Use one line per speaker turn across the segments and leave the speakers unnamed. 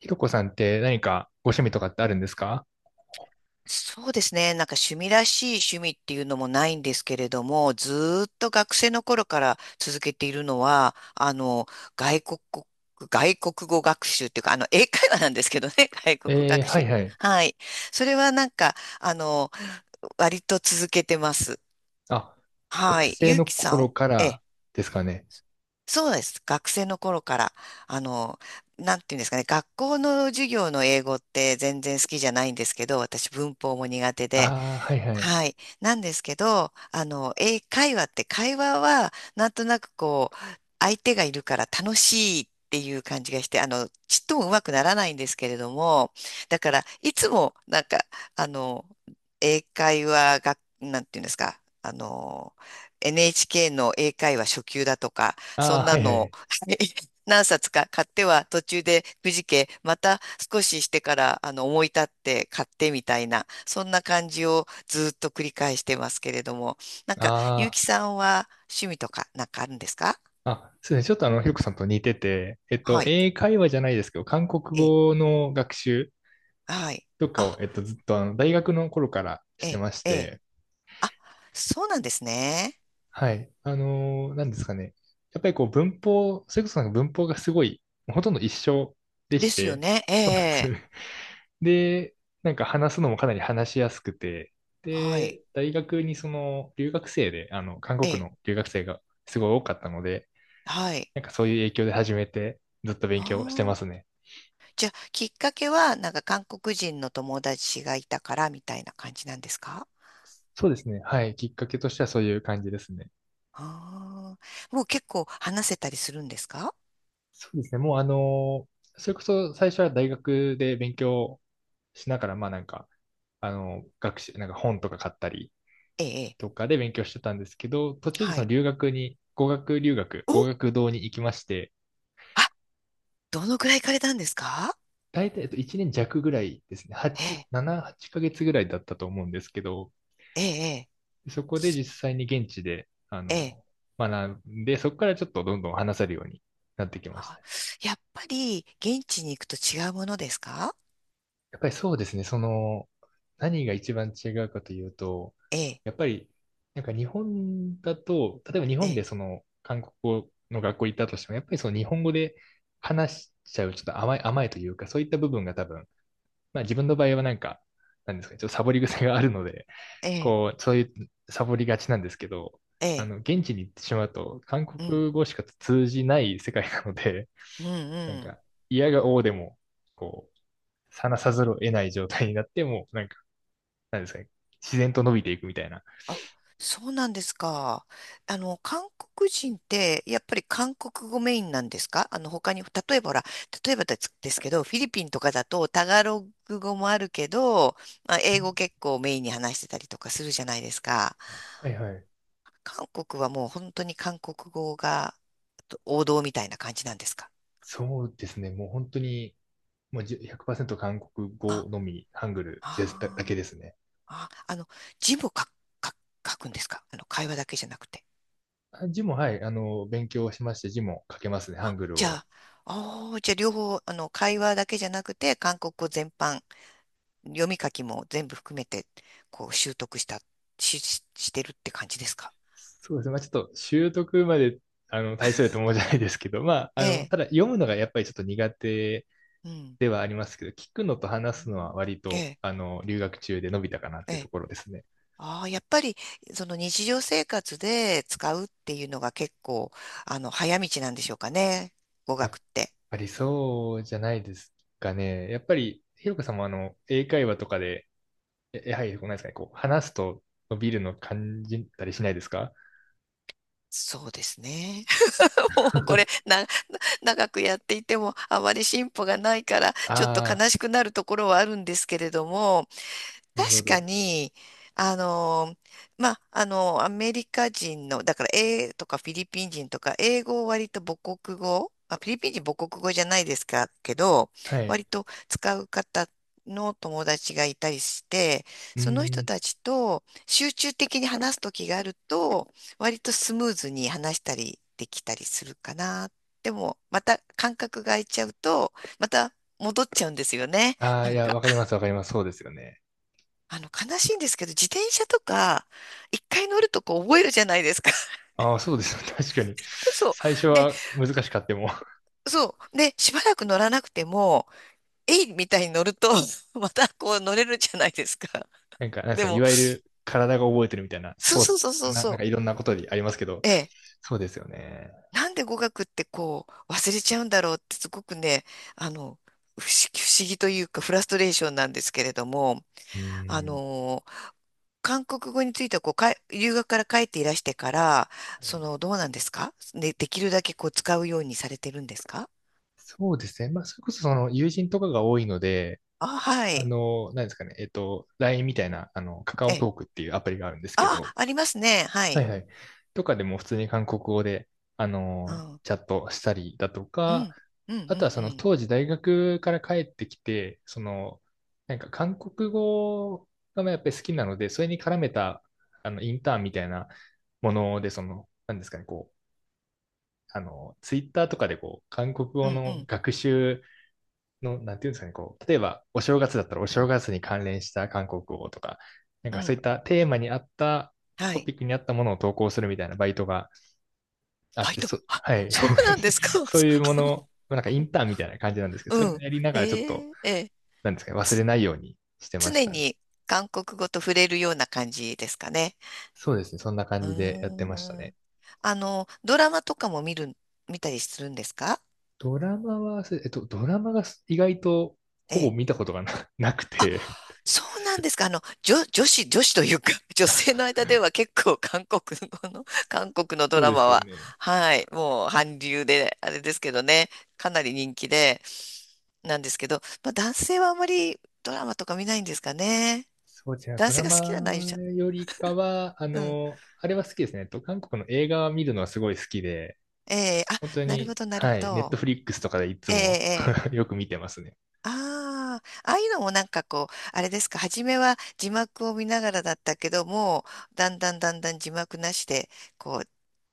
ひろこさんって何かご趣味とかってあるんですか？
そうですね。なんか趣味らしい趣味っていうのもないんですけれども、ずーっと学生の頃から続けているのは、外国語、外国語学習っていうか、英会話なんですけどね、外国語学
は
習。
いはい。
はい。それはなんか、割と続けてます。
あ、学
はい。
生
ゆう
の
きさ
頃
ん、
か
え
ら
え、
ですかね。
そうです。学生の頃から、あの、なんていうんですかね、学校の授業の英語って全然好きじゃないんですけど、私文法も苦手で、
ああ、はいはい。
はい。なんですけど、英会話って会話は、なんとなくこう、相手がいるから楽しいっていう感じがして、ちっともうまくならないんですけれども、だから、いつも、なんか、あの、英会話が、なんていうんですか、NHK の英会話初級だとか、そ
ああ、
ん
は
な
いは
の
い。
何冊か買っては途中でくじけ、また少ししてから思い立って買ってみたいな、そんな感じをずっと繰り返してますけれども、なんか、ゆう
あ
きさんは趣味とかなんかあるんですか？
あ、あ、そうですね。ちょっとひろこさんと似てて、
はい。
英会話じゃないですけど、韓国
ええ、
語の学習
はい。
とかを、
あ、
ずっと大学の頃からし
え
て
え、
まし
ええ。
て、
あ、そうなんですね。
はい。なんですかね。やっぱりこう文法、それこそなんか文法がすごい、ほとんど一緒で
で
し
すよ
て、
ね。え
そうなんですよ
え、
ね。で、なんか話すのもかなり話しやすくて、
はい。
で、大学にその留学生で、韓
え
国
え、
の留学生がすごい多かったので、
はい。
なんかそういう影響で始めて、ずっと勉
あ
強してます
あ。
ね。
じゃあ、きっかけは、なんか韓国人の友達がいたからみたいな感じなんですか？
そうですね。はい。きっかけとしてはそういう感じですね。
ああ、もう結構話せたりするんですか？
そうですね。もうそれこそ最初は大学で勉強しながら、まあなんか、学習、なんか本とか買ったり
ええ、ええ
とかで勉強してたんですけど、途中で
は
その
い。
留学に、語学留学、
お、
語学堂に行きまして、
あ、どのくらい行かれたんですか？
大体1年弱ぐらいですね。
え
8、
え、
7、8ヶ月ぐらいだったと思うんですけど、
ええ、
そこで実際に現地で、
ええ。ええ
学んで、そこからちょっとどんどん話せるようになってきまし
あ、
た。
やっぱり現地に行くと違うものですか？
やっぱりそうですね。何が一番違うかというと、
ええ、
やっぱり、なんか日本だと、例えば日
え
本で
え、
その韓国語の学校行ったとしても、やっぱりその日本語で話しちゃう、ちょっと甘い、甘いというか、そういった部分が多分、まあ自分の場合はなんか、なんですかね、ちょっとサボり癖があるので、
ええ、
こう、そういうサボりがちなんですけど、
ええ、
現地に行ってしまうと、韓
うん、
国語しか通じない世界なので、
うん、
なん
うん。
か、嫌が応でも、こう、話さざるを得ない状態になって、もうなんか、なんですかね、自然と伸びていくみたいな。
あ、そうなんですか。韓国人って、やっぱり韓国語メインなんですか？他に、例えばほら、例えばですけど、フィリピンとかだと、タガログ語もあるけど、まあ、英語結構メインに話してたりとかするじゃないですか。
はいはい。
韓国はもう本当に韓国語が王道みたいな感じなんですか？
そうですね。もう本当に、もう100%韓国
あ、
語のみ、ハングルですだ、だけ
あー
ですね。
あ、字も書くんですか？会話だけじゃなくて。
あ、字も、はい、勉強しまして、字も書けますね、ハ
あ、
ングル
じゃ
を。
あ、あーじゃあ両方、会話だけじゃなくて、韓国語全般、読み書きも全部含めて、こう、習得した、してるって感じですか？
そうですね。まあ、ちょっと習得まで、大層やと思うじゃないですけど、まあ、
ええ、
ただ読むのがやっぱりちょっと苦手
うん。
ではありますけど、聞くのと
う
話すのは
ん
割
え
と、
え、
留学中で伸びたかなっ
え
てと
え。
ころですね。
ああ、やっぱり、その日常生活で使うっていうのが結構、早道なんでしょうかね。語
や
学
っ
って。
ぱりそうじゃないですかね。やっぱり、ひろこさんも英会話とかで、やはり、こうなんですかね、こう、話すと伸びるの感じたりしないですか？
そうですね。もうこれ、長くやっていても、あまり進歩がないから、ちょっと
ああ
悲しくなるところはあるんですけれども、
ー、なるほ
確か
ど。
に、あの、まあ、アメリカ人の、だから、英とかフィリピン人とか、英語を割と母国語、あ、フィリピン人母国語じゃないですか、けど、
はい。
割と使う方の友達がいたりして、
う
その
ー
人
ん。
たちと集中的に話す時があると、割とスムーズに話したりできたりするかな。でも、また間隔が空いちゃうと、また戻っちゃうんですよね。
ああ、
な
い
ん
や、
か
わかります、わかります。そうですよね。
悲しいんですけど、自転車とか、一回乗るとこう覚えるじゃないですか。
ああ、そうですよ。確かに。
そ
最初
う。で、
は難しかっても、
そう。で、しばらく乗らなくても、えいみたいに乗ると、またこう乗れるじゃないですか。
なんか、なんです
で
かね、い
も、
わゆる体が覚えてるみたいな、ス
そう
ポー
そ
ツ
う
と
そう
か
そう
な、
そ
なん
う。
かいろんなことにありますけど、
ええ。
そうですよね。
なんで語学ってこう、忘れちゃうんだろうってすごくね、あの、不思議、不思議というか、フラストレーションなんですけれども、
うー
あ
ん。
の韓国語についてはこうかい、留学から帰っていらしてから、
は
そ
い、
の、どうなんですかね、できるだけこう使うようにされてるんですか？
そうですね。まあ、それこそその友人とかが多いので、
あ、はい。
何ですかね、LINE みたいな、カカ
え
オ
え、
トークっていうアプリがあるんですけ
あ、
ど、
ありますね。は
はい
い。
はい。とかでも普通に韓国語で、
うん。
チャットしたりだと
う
か、
ん。うん。う
あとはその
ん。
当時大学から帰ってきて、なんか韓国語がやっぱり好きなので、それに絡めた、インターンみたいなもので、何ですかね、こう、ツイッターとかでこう、韓国
う
語
ん。う
の
ん。
学習の、なんていうんですかね、こう、例えばお正月だったらお正月に関連した韓国語とか、なん
うん。
か
う
そう
ん
いったテーマに合った
は
ト
い。
ピックに合ったものを投稿するみたいなバイトがあ
バ
っ
イ
て、
ト。あ、
はい。
そうなんですか？ そう
そういうもの、なんかインターンみたいな感じなんですけど、それ
う
を
ん。
やりなが
え
らちょっと、
えええ
なんですかね、忘れ
つ、
ないようにしてまし
常
たね。
に韓国語と触れるような感じですかね。
そうですね、そんな感
うー
じでやってましたね。
ん。ドラマとかも見たりするんですか？
ドラマは、ドラマが意外とほぼ
え
見たことがなく
あ、
て、
そうなんですか。女子というか、女性の間では結構韓国語の、韓国の
そ
ド
う
ラ
で
マ
すよ
は、
ね。
はい、もう韓流で、あれですけどね、かなり人気で、なんですけど、まあ男性はあまりドラマとか見ないんですかね。
そうですね。
男
ド
性
ラ
が好きな内容じ
マ
ゃん。
よりかは、
うん。
あれは好きですね。韓国の映画を見るのはすごい好きで、
ええあ、
本当
なるほ
に、
ど、なるほ
はい、ネット
ど。
フリックスとかでいつ
ええ
も
え え
よく見てますね。
ああ、ああいうのもなんかこう、あれですか、初めは字幕を見ながらだったけども、だんだんだんだん字幕なしで、こ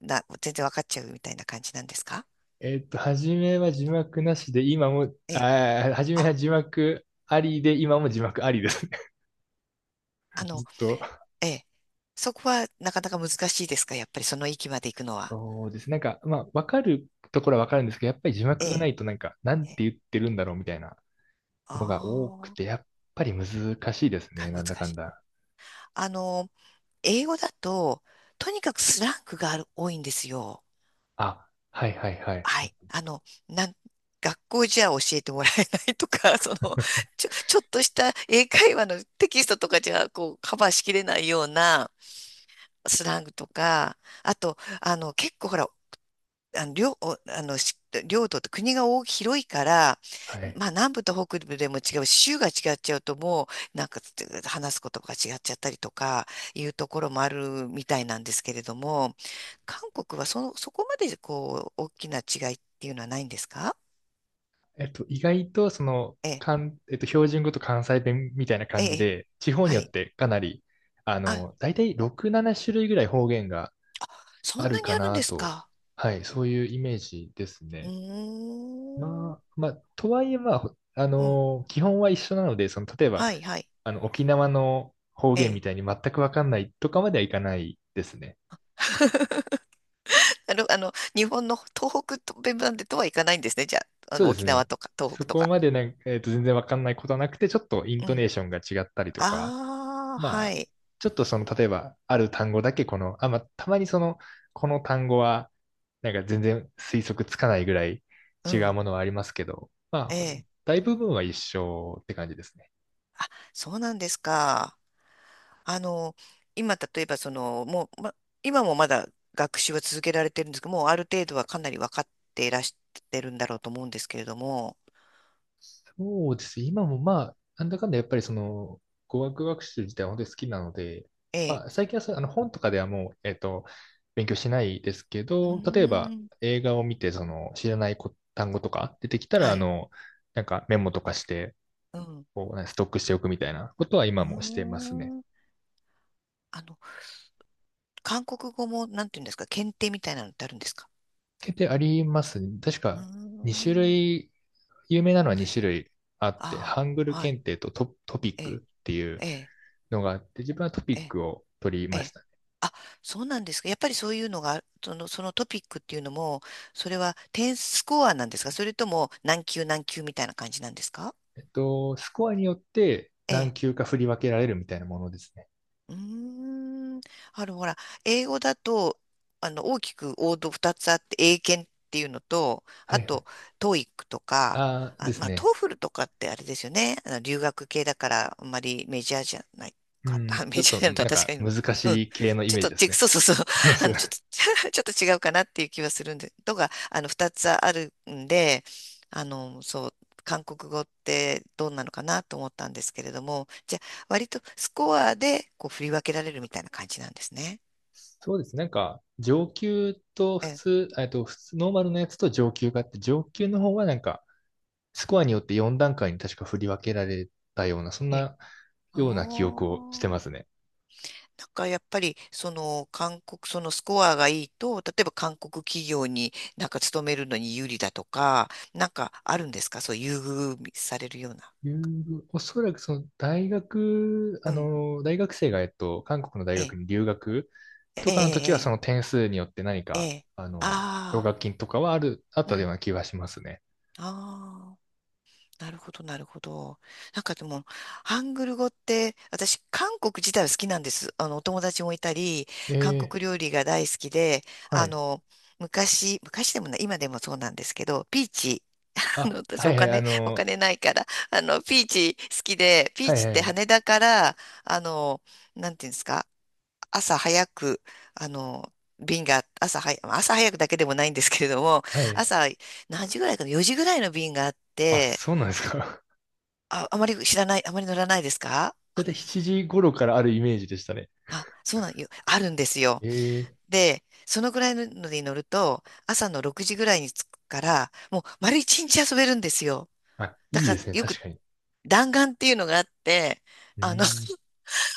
う、全然わかっちゃうみたいな感じなんですか？
初めは字幕なしで、今も、
ええ。
初めは
あ、
字幕ありで、今も字幕ありですね。
あ
ず
の、
っと。
ええ。そこはなかなか難しいですか？やっぱりその域まで行くのは。
そうです。なんか、まあ、わかるところはわかるんですけど、やっぱり字
え
幕がな
え。
いと、なんか、なん
ええ。
て言ってるんだろうみたいなのが多く
あ
て、やっぱり難しいです
あ、
ね。な
難
んだか
し
ん
い。
だ。
あの、英語だと、とにかくスラングが多いんですよ。
あ、はいはいはい。
はい。学校じゃ教えてもらえないとか、その、ちょっとした英会話のテキストとかじゃ、こう、カバーしきれないようなスラングとか、あと、結構ほら、領、おあの、し領土って国が大き広いから、
はい。
まあ南部と北部でも違うし、州が違っちゃうともう、なんか話すことが違っちゃったりとかいうところもあるみたいなんですけれども、韓国はその、そこまでこう、大きな違いっていうのはないんですか？
意外とその、
ええ、
かんえっと、標準語と関西弁みたいな
え
感じ
え、
で、地方に
は
よっ
い。
てかなり、
あ、
大体6、7種類ぐらい方言が
そ
あ
んな
る
に
か
あるん
な
です
と、
か？
はい、そういうイメージです
う
ね。
ー
まあ、
ん。
まあ、とはいえ、まあ、ほあ
うん。
の、基本は一緒なので、その、例えば、
はい、はい。
沖縄の方
え
言み
え。
たいに全くわかんないとかまではいかないですね。
日本の東北とベムなんでとはいかないんですね。じゃあ、
そうです
沖縄
ね。
とか東
そ
北と
こ
か。
までなんか、全然わかんないことはなくて、ちょっとイン
う
ト
ん。
ネーションが違ったりとか、
ああ、
ま
は
あ、
い。
ちょっとその、例えば、ある単語だけこの、あ、まあ、たまにその、この単語は、なんか全然推測つかないぐらい
う
違う
ん。
ものはありますけど、
え
まあ、
え。
大部分は一緒って感じですね。
そうなんですか。あの、今、例えば、その、もう、今もまだ学習は続けられてるんですけど、もうある程度はかなり分かっていらしてるんだろうと思うんですけれども、
そうですね。今もまあ、なんだかんだやっぱりその、語学学習自体は本当に好きなので、
ええ。
まあ、最近はそう本とかではもう、勉強しないですけ
うー
ど、例えば
ん。
映画を見て、その、知らない単語とか出てきたら、
はい。
なんかメモとかして、
うん。
こうね、ストックしておくみたいなことは
う
今もしてますね。
ーん。あの、韓国語も、なんていうんですか、検定みたいなのってあるんですか？
決定あります。確
うー
か2種
ん。
類、有名なのは2種類あって、
あ
ハングル
あ、はい。
検定とト、トピッ
ええ、
クっていう
ええ、
のがあって、自分はトピ
え
ッ
え、
クを取り
え
まし
え。
た。
あ、そうなんですか。やっぱりそういうのが、その、そのトピックっていうのも、それは点スコアなんですか？それとも何級何級みたいな感じなんですか？
スコアによって
え
何
え。
級か振り分けられるみたいなものですね。
うーん。ほら、英語だと、大きく王道2つあって、英検っていうのと、
は
あ
いはい。
と、トーイックとか、
あーで
あ、
す
まあ、ト
ね。
ーフルとかってあれですよね。留学系だから、あんまりメジャーじゃない
う
かな。
ん、ちょ
メ
っ
ジャ
と
ーなのとは
なん
確
か
かに、
難
うん。
しい系のイ
ちょっ
メージ
と
です
ち、
ね。
そうそうそう。
そうです
ちょ
ね。
っと、ちょっと違うかなっていう気はするんで、2つあるんで、そう、韓国語ってどんなのかなと思ったんですけれども、じゃ割とスコアでこう振り分けられるみたいな感じなんですね。
そうです。なんか、上級と
え
普
え。
通、えっと、普通、ノーマルのやつと上級があって、上級の方はなんか、スコアによって4段階に確か振り分けられたような、そん
ええ、
な
あ
ような記憶をして
あ。
ますね。
なんかやっぱりその韓国、そのスコアがいいと、例えば韓国企業になんか勤めるのに有利だとか、なんかあるんですか？そう優遇されるような。
留おそらくその大学、
う
あ
ん。
の、大学生が、韓国の大
え
学
え、
に留学と
え
かの時は、そ
え、
の点数によって何
ええ、え
か、
え。
あの、奨
あ
学金とかはある、あっ
あ、う
たよう
ん。
な気がしますね。
ああ。なるほど、なるほど。なんかでも、ハングル語って、私、韓国自体は好きなんです。お友達もいたり、
え
韓
え、
国料理が大好きで、
は
あ
い。
の、昔、昔でもない、今でもそうなんですけど、ピーチ、
あ、
私、
はいはい、
お金ないから、ピーチ好きで、ピー
はい
チっ
は
て
い、
羽田から、あの、なんていうんですか、朝早く、あの、便が、朝は朝早くだけでもないんですけれども、
はい。
朝何時ぐらいかな、4時ぐらいの便があっ
あ、
て、
そうなんですか？
あ、あまり知らない、あまり乗らないですか？
だいたい7時頃からあるイメージでしたね。
あ、そうなんよ。あるんですよ。
ええ、
で、そのぐらいので乗ると、朝の6時ぐらいに着くから、もう丸一日遊べるんですよ。
あ、
だ
いい
か
で
ら
すね、
よく
確かに。
弾丸っていうのがあって、
うー
あの、
ん。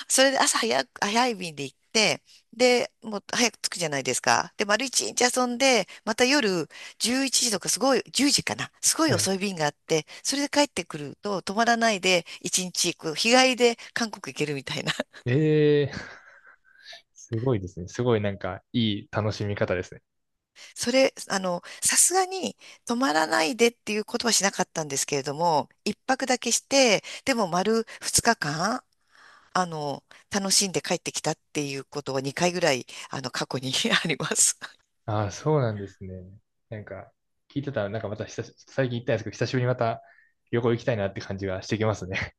それで朝早く、早い便で行って、で、もう早く着くじゃないですか。で、丸一日遊んで、また夜11時とかすごい、10時かな。すごい
は
遅
い。
い便があって、それで帰ってくると泊まらないで1日こう日帰りで韓国行けるみたいな。
ええ すごいですね。すごいなんか、いい楽しみ方ですね。
それ、さすがに泊まらないでっていうことはしなかったんですけれども、一泊だけして、でも丸二日間、あの、楽しんで帰ってきたっていうことは2回ぐらい、過去に あります。
ああ、そうなんですね。なんか、聞いてたら、なんかまた最近行ったんですけど、久しぶりにまた旅行行きたいなって感じがしてきますね。